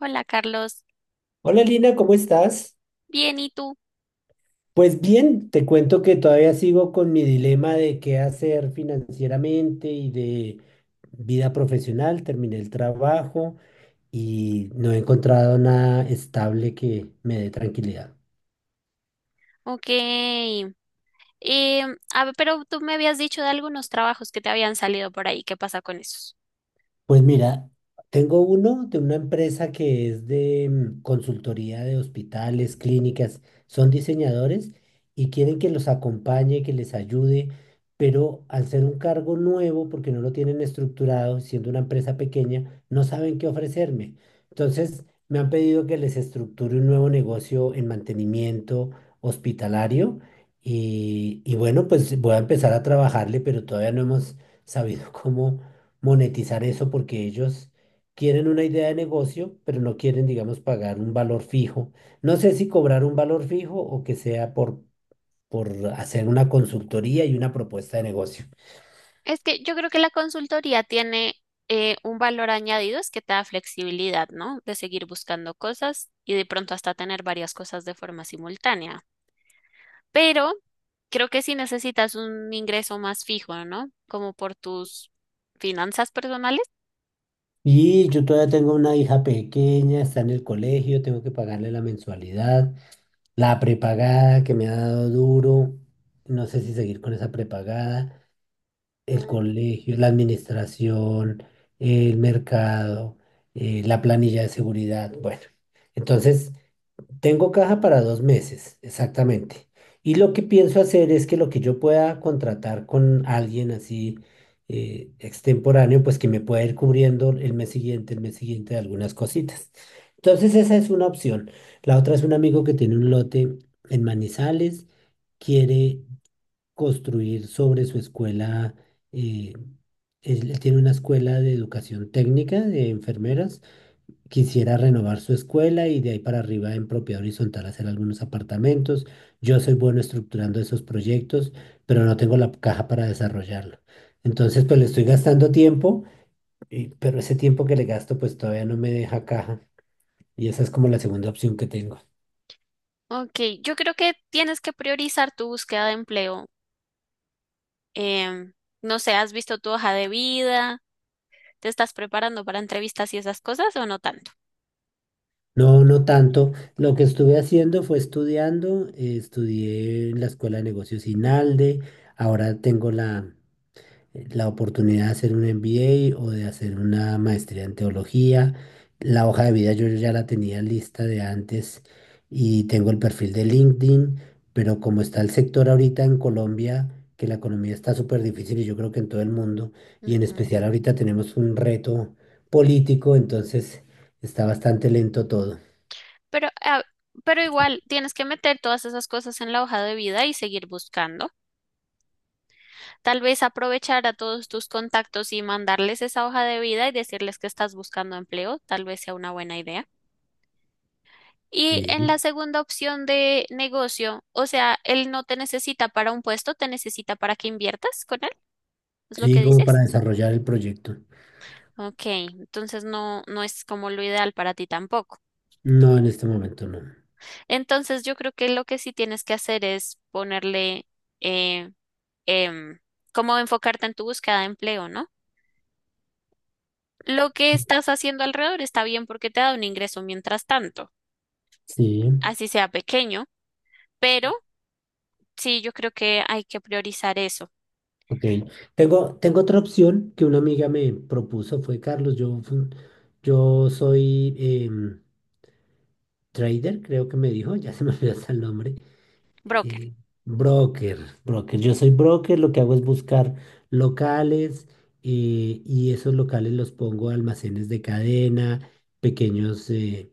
Hola Carlos, Hola Lina, ¿cómo estás? bien, ¿y tú? Pues bien, te cuento que todavía sigo con mi dilema de qué hacer financieramente y de vida profesional. Terminé el trabajo y no he encontrado nada estable que me dé tranquilidad. Ok. A ver, pero tú me habías dicho de algunos trabajos que te habían salido por ahí. ¿Qué pasa con esos? Pues mira, tengo uno de una empresa que es de consultoría de hospitales, clínicas, son diseñadores y quieren que los acompañe, que les ayude, pero al ser un cargo nuevo, porque no lo tienen estructurado, siendo una empresa pequeña, no saben qué ofrecerme. Entonces, me han pedido que les estructure un nuevo negocio en mantenimiento hospitalario y bueno, pues voy a empezar a trabajarle, pero todavía no hemos sabido cómo monetizar eso porque ellos quieren una idea de negocio, pero no quieren, digamos, pagar un valor fijo. No sé si cobrar un valor fijo o que sea por hacer una consultoría y una propuesta de negocio. Es que yo creo que la consultoría tiene un valor añadido, es que te da flexibilidad, ¿no? De seguir buscando cosas y de pronto hasta tener varias cosas de forma simultánea. Pero creo que sí necesitas un ingreso más fijo, ¿no? Como por tus finanzas personales. Y yo todavía tengo una hija pequeña, está en el colegio, tengo que pagarle la mensualidad, la prepagada que me ha dado duro. No sé si seguir con esa prepagada. El colegio, la administración, el mercado, la planilla de seguridad. Bueno, entonces tengo caja para dos meses, exactamente. Y lo que pienso hacer es que lo que yo pueda contratar con alguien así extemporáneo, pues que me pueda ir cubriendo el mes siguiente de algunas cositas. Entonces esa es una opción. La otra es un amigo que tiene un lote en Manizales, quiere construir sobre su escuela. eh, Él tiene una escuela de educación técnica de enfermeras. Quisiera renovar su escuela y de ahí para arriba en propiedad horizontal hacer algunos apartamentos. Yo soy bueno estructurando esos proyectos, pero no tengo la caja para desarrollarlo. Entonces, pues le estoy gastando tiempo, pero ese tiempo que le gasto, pues todavía no me deja caja. Y esa es como la segunda opción que tengo. Ok, yo creo que tienes que priorizar tu búsqueda de empleo. Em, no sé, ¿has visto tu hoja de vida? ¿Te estás preparando para entrevistas y esas cosas o no tanto? No, no tanto. Lo que estuve haciendo fue estudiando. Estudié en la Escuela de Negocios INALDE. Ahora tengo la oportunidad de hacer un MBA o de hacer una maestría en teología. La hoja de vida yo ya la tenía lista de antes y tengo el perfil de LinkedIn, pero como está el sector ahorita en Colombia, que la economía está súper difícil y yo creo que en todo el mundo, y en Ujú. especial ahorita tenemos un reto político, entonces está bastante lento todo. Pero, pero igual tienes que meter todas esas cosas en la hoja de vida y seguir buscando. Tal vez aprovechar a todos tus contactos y mandarles esa hoja de vida y decirles que estás buscando empleo, tal vez sea una buena idea. Y en Sí, la segunda opción de negocio, o sea, él no te necesita para un puesto, te necesita para que inviertas con él, es lo sí, que como para dices. desarrollar el proyecto. Ok, entonces no, no es como lo ideal para ti tampoco. No, en este momento no. Entonces yo creo que lo que sí tienes que hacer es eh, em, cómo enfocarte en tu búsqueda de empleo, ¿no? Lo que estás haciendo alrededor está bien porque te da un ingreso mientras tanto, Sí, así sea pequeño, pero sí, yo creo que hay que priorizar eso. ok. Tengo otra opción que una amiga me propuso, fue Carlos, yo, yo soy trader, creo que me dijo, ya se me olvidó hasta el nombre. Broker. eh, Broker, broker. Yo soy broker, lo que hago es buscar locales y esos locales los pongo a almacenes de cadena, pequeños...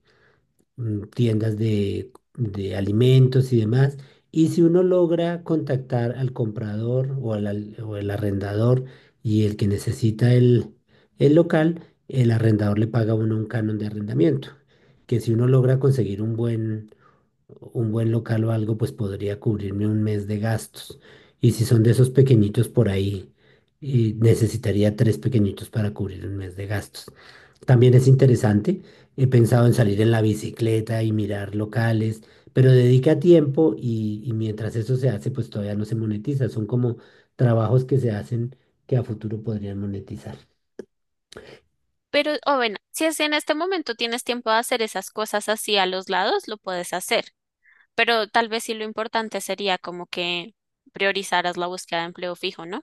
tiendas de alimentos y demás. Y si uno logra contactar al comprador o o el arrendador y el que necesita el local, el arrendador le paga a uno un canon de arrendamiento. Que si uno logra conseguir un un buen local o algo, pues podría cubrirme un mes de gastos. Y si son de esos pequeñitos por ahí, y necesitaría tres pequeñitos para cubrir un mes de gastos. Ujú. También es interesante. He pensado en salir en la bicicleta y mirar locales, pero dedica tiempo y mientras eso se hace, pues todavía no se monetiza. Son como trabajos que se hacen que a futuro podrían monetizar. Pero, o bueno, si es en este momento tienes tiempo de hacer esas cosas así a los lados, lo puedes hacer. Pero tal vez sí lo importante sería como que priorizaras la búsqueda de empleo fijo, ¿no?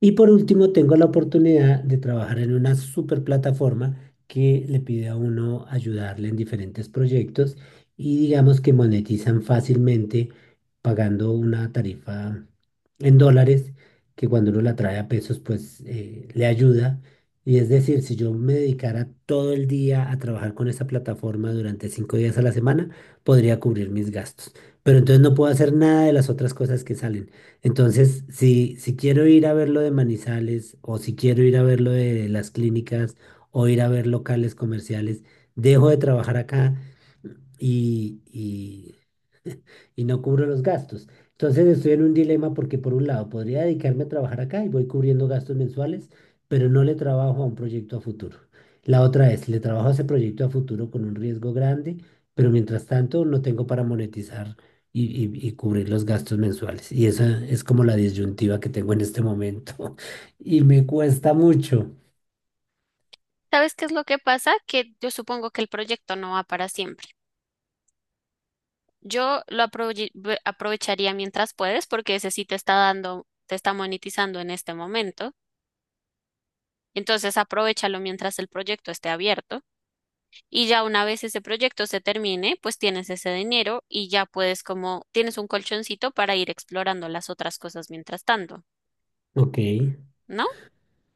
Y por último, tengo la oportunidad de trabajar en una super plataforma que le pide a uno ayudarle en diferentes proyectos y digamos que monetizan fácilmente pagando una tarifa en dólares que cuando uno la trae a pesos pues le ayuda. Y es decir, si yo me dedicara todo el día a trabajar con esa plataforma durante cinco días a la semana, podría cubrir mis gastos. Pero entonces no puedo hacer nada de las otras cosas que salen. Entonces, si quiero ir a ver lo de Manizales o si quiero ir a ver lo de las clínicas o ir a ver locales comerciales, dejo de trabajar acá y, y no cubro los gastos. Entonces estoy en un dilema porque por un lado podría dedicarme a trabajar acá y voy cubriendo gastos mensuales, pero no le trabajo a un proyecto a futuro. La otra es, le trabajo a ese proyecto a futuro con un riesgo grande, pero mientras tanto no tengo para monetizar y cubrir los gastos mensuales. Y esa es como la disyuntiva que tengo en este momento y me cuesta mucho. ¿Sabes qué es lo que pasa? Que yo supongo que el proyecto no va para siempre. Yo lo aprovecharía mientras puedes porque ese sí te está dando, te está monetizando en este momento. Entonces, aprovéchalo mientras el proyecto esté abierto y ya una vez ese proyecto se termine, pues tienes ese dinero y ya puedes, como, tienes un colchoncito para ir explorando las otras cosas mientras tanto, Ok. ¿no?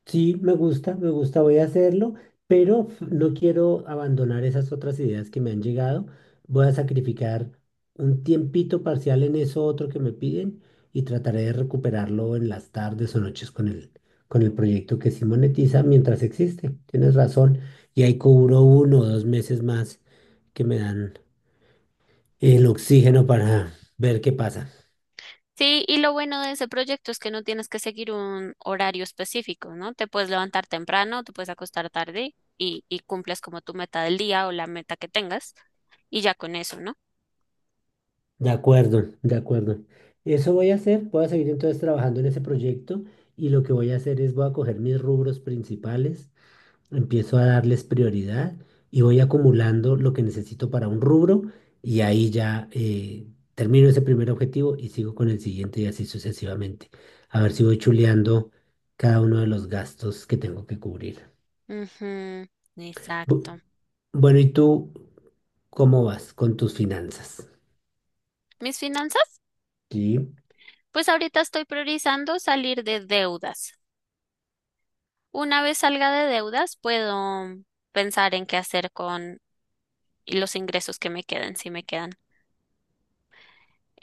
Sí, me gusta, voy a hacerlo, pero no quiero abandonar esas otras ideas que me han llegado. Voy a sacrificar un tiempito parcial en eso otro que me piden y trataré de recuperarlo en las tardes o noches con el proyecto que sí monetiza mientras existe. Tienes razón. Y ahí cubro uno o dos meses más que me dan el oxígeno para ver qué pasa. Sí, y lo bueno de ese proyecto es que no tienes que seguir un horario específico, ¿no? Te puedes levantar temprano, te puedes acostar tarde y cumples como tu meta del día o la meta que tengas y ya con eso, ¿no? De acuerdo, de acuerdo. Eso voy a hacer, voy a seguir entonces trabajando en ese proyecto y lo que voy a hacer es voy a coger mis rubros principales, empiezo a darles prioridad y voy acumulando lo que necesito para un rubro y ahí ya termino ese primer objetivo y sigo con el siguiente y así sucesivamente. A ver si voy chuleando cada uno de los gastos que tengo que cubrir. Ujú, Bu- exacto. Bueno, ¿y tú cómo vas con tus finanzas? Mis finanzas, Sí. pues ahorita estoy priorizando salir de deudas. Una vez salga de deudas, puedo pensar en qué hacer con los ingresos que me queden, si me quedan.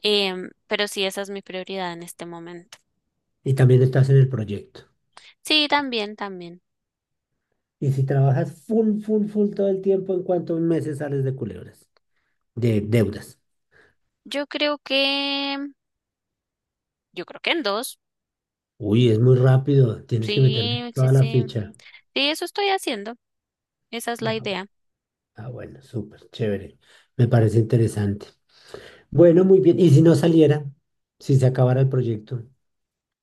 Pero sí, esa es mi prioridad en este momento. Y también estás en el proyecto. Sí, también, también. Y si trabajas full, full, full todo el tiempo, ¿en cuántos meses sales de culebras? De deudas. Yo creo que, yo creo que en dos. Uy, es muy rápido. Tienes que meterle Sí, sí, toda la sí. ficha. Sí, eso estoy haciendo. Esa es Ah, la idea. ah, bueno, súper, chévere. Me parece interesante. Bueno, muy bien. ¿Y si no saliera? Si se acabara el proyecto.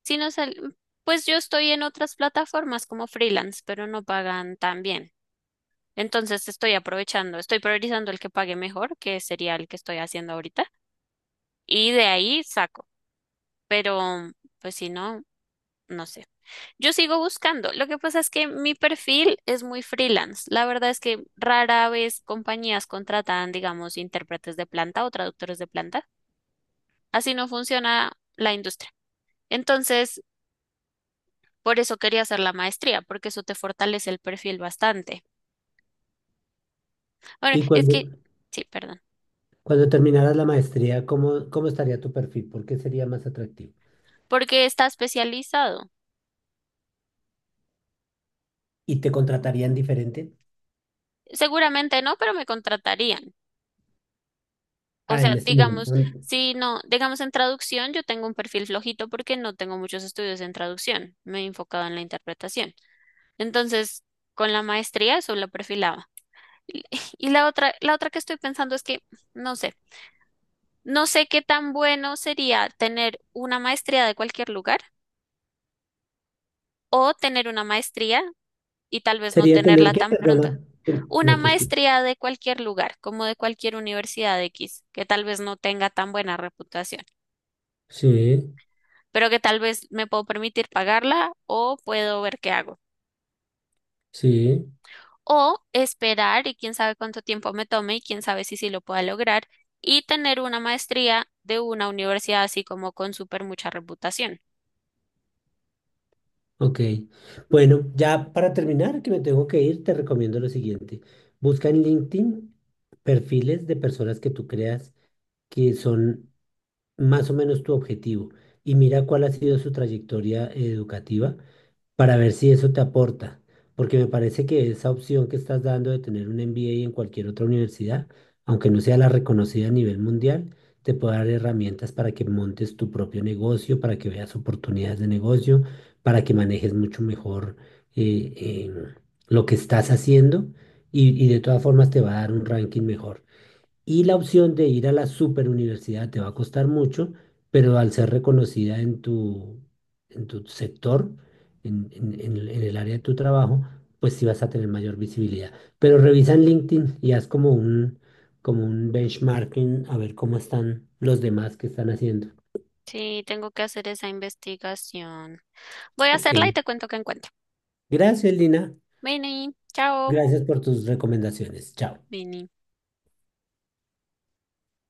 Si no sal- Pues yo estoy en otras plataformas como freelance, pero no pagan tan bien. Entonces estoy aprovechando, estoy priorizando el que pague mejor, que sería el que estoy haciendo ahorita, y de ahí saco. Pero, pues si no, no sé. Yo sigo buscando. Lo que pasa es que mi perfil es muy freelance. La verdad es que rara vez compañías contratan, digamos, intérpretes de planta o traductores de planta. Así no funciona la industria. Entonces, por eso quería hacer la maestría, porque eso te fortalece el perfil bastante. Bueno, Y es que, sí, perdón, cuando terminaras la maestría, cómo estaría tu perfil? ¿Por qué sería más atractivo? porque está especializado. ¿Y te contratarían diferente? Seguramente no, pero me contratarían. O Ah, en sea, este digamos, momento. si no, digamos en traducción, yo tengo un perfil flojito porque no tengo muchos estudios en traducción, me he enfocado en la interpretación. Entonces, con la maestría eso lo perfilaba. Y y la otra que estoy pensando es que, no sé, no sé qué tan bueno sería tener una maestría de cualquier lugar o tener una maestría y tal vez no Sería tener tenerla que, tan pronto. perdona, Una no te escucho. maestría de cualquier lugar, como de cualquier universidad X, que tal vez no tenga tan buena reputación, Sí, pero que tal vez me puedo permitir pagarla o puedo ver qué hago. sí. O esperar y quién sabe cuánto tiempo me tome y quién sabe si sí lo pueda lograr y tener una maestría de una universidad así como con súper mucha reputación. Ok. Bueno, ya para terminar, que me tengo que ir, te recomiendo lo siguiente. Busca en LinkedIn perfiles de personas que tú creas que son más o menos tu objetivo y mira cuál ha sido su trayectoria educativa para ver si eso te aporta, porque me parece que esa opción que estás dando de tener un MBA en cualquier otra universidad, aunque no sea la reconocida a nivel mundial, te puede dar herramientas para que montes tu propio negocio, para que veas oportunidades de negocio, para que manejes mucho mejor eh, eh, lo que estás haciendo y de todas formas te va a dar un ranking mejor. Y la opción de ir a la superuniversidad te va a costar mucho, pero al ser reconocida en tu sector, en el área de tu trabajo, pues sí vas a tener mayor visibilidad. Pero revisa en LinkedIn y haz como un benchmarking a ver cómo están los demás que están haciendo. Sí, tengo que hacer esa investigación. Voy a Ok. hacerla y te cuento qué encuentro. Gracias, Lina. Vini, chao. Gracias por tus recomendaciones. Chao. Vini.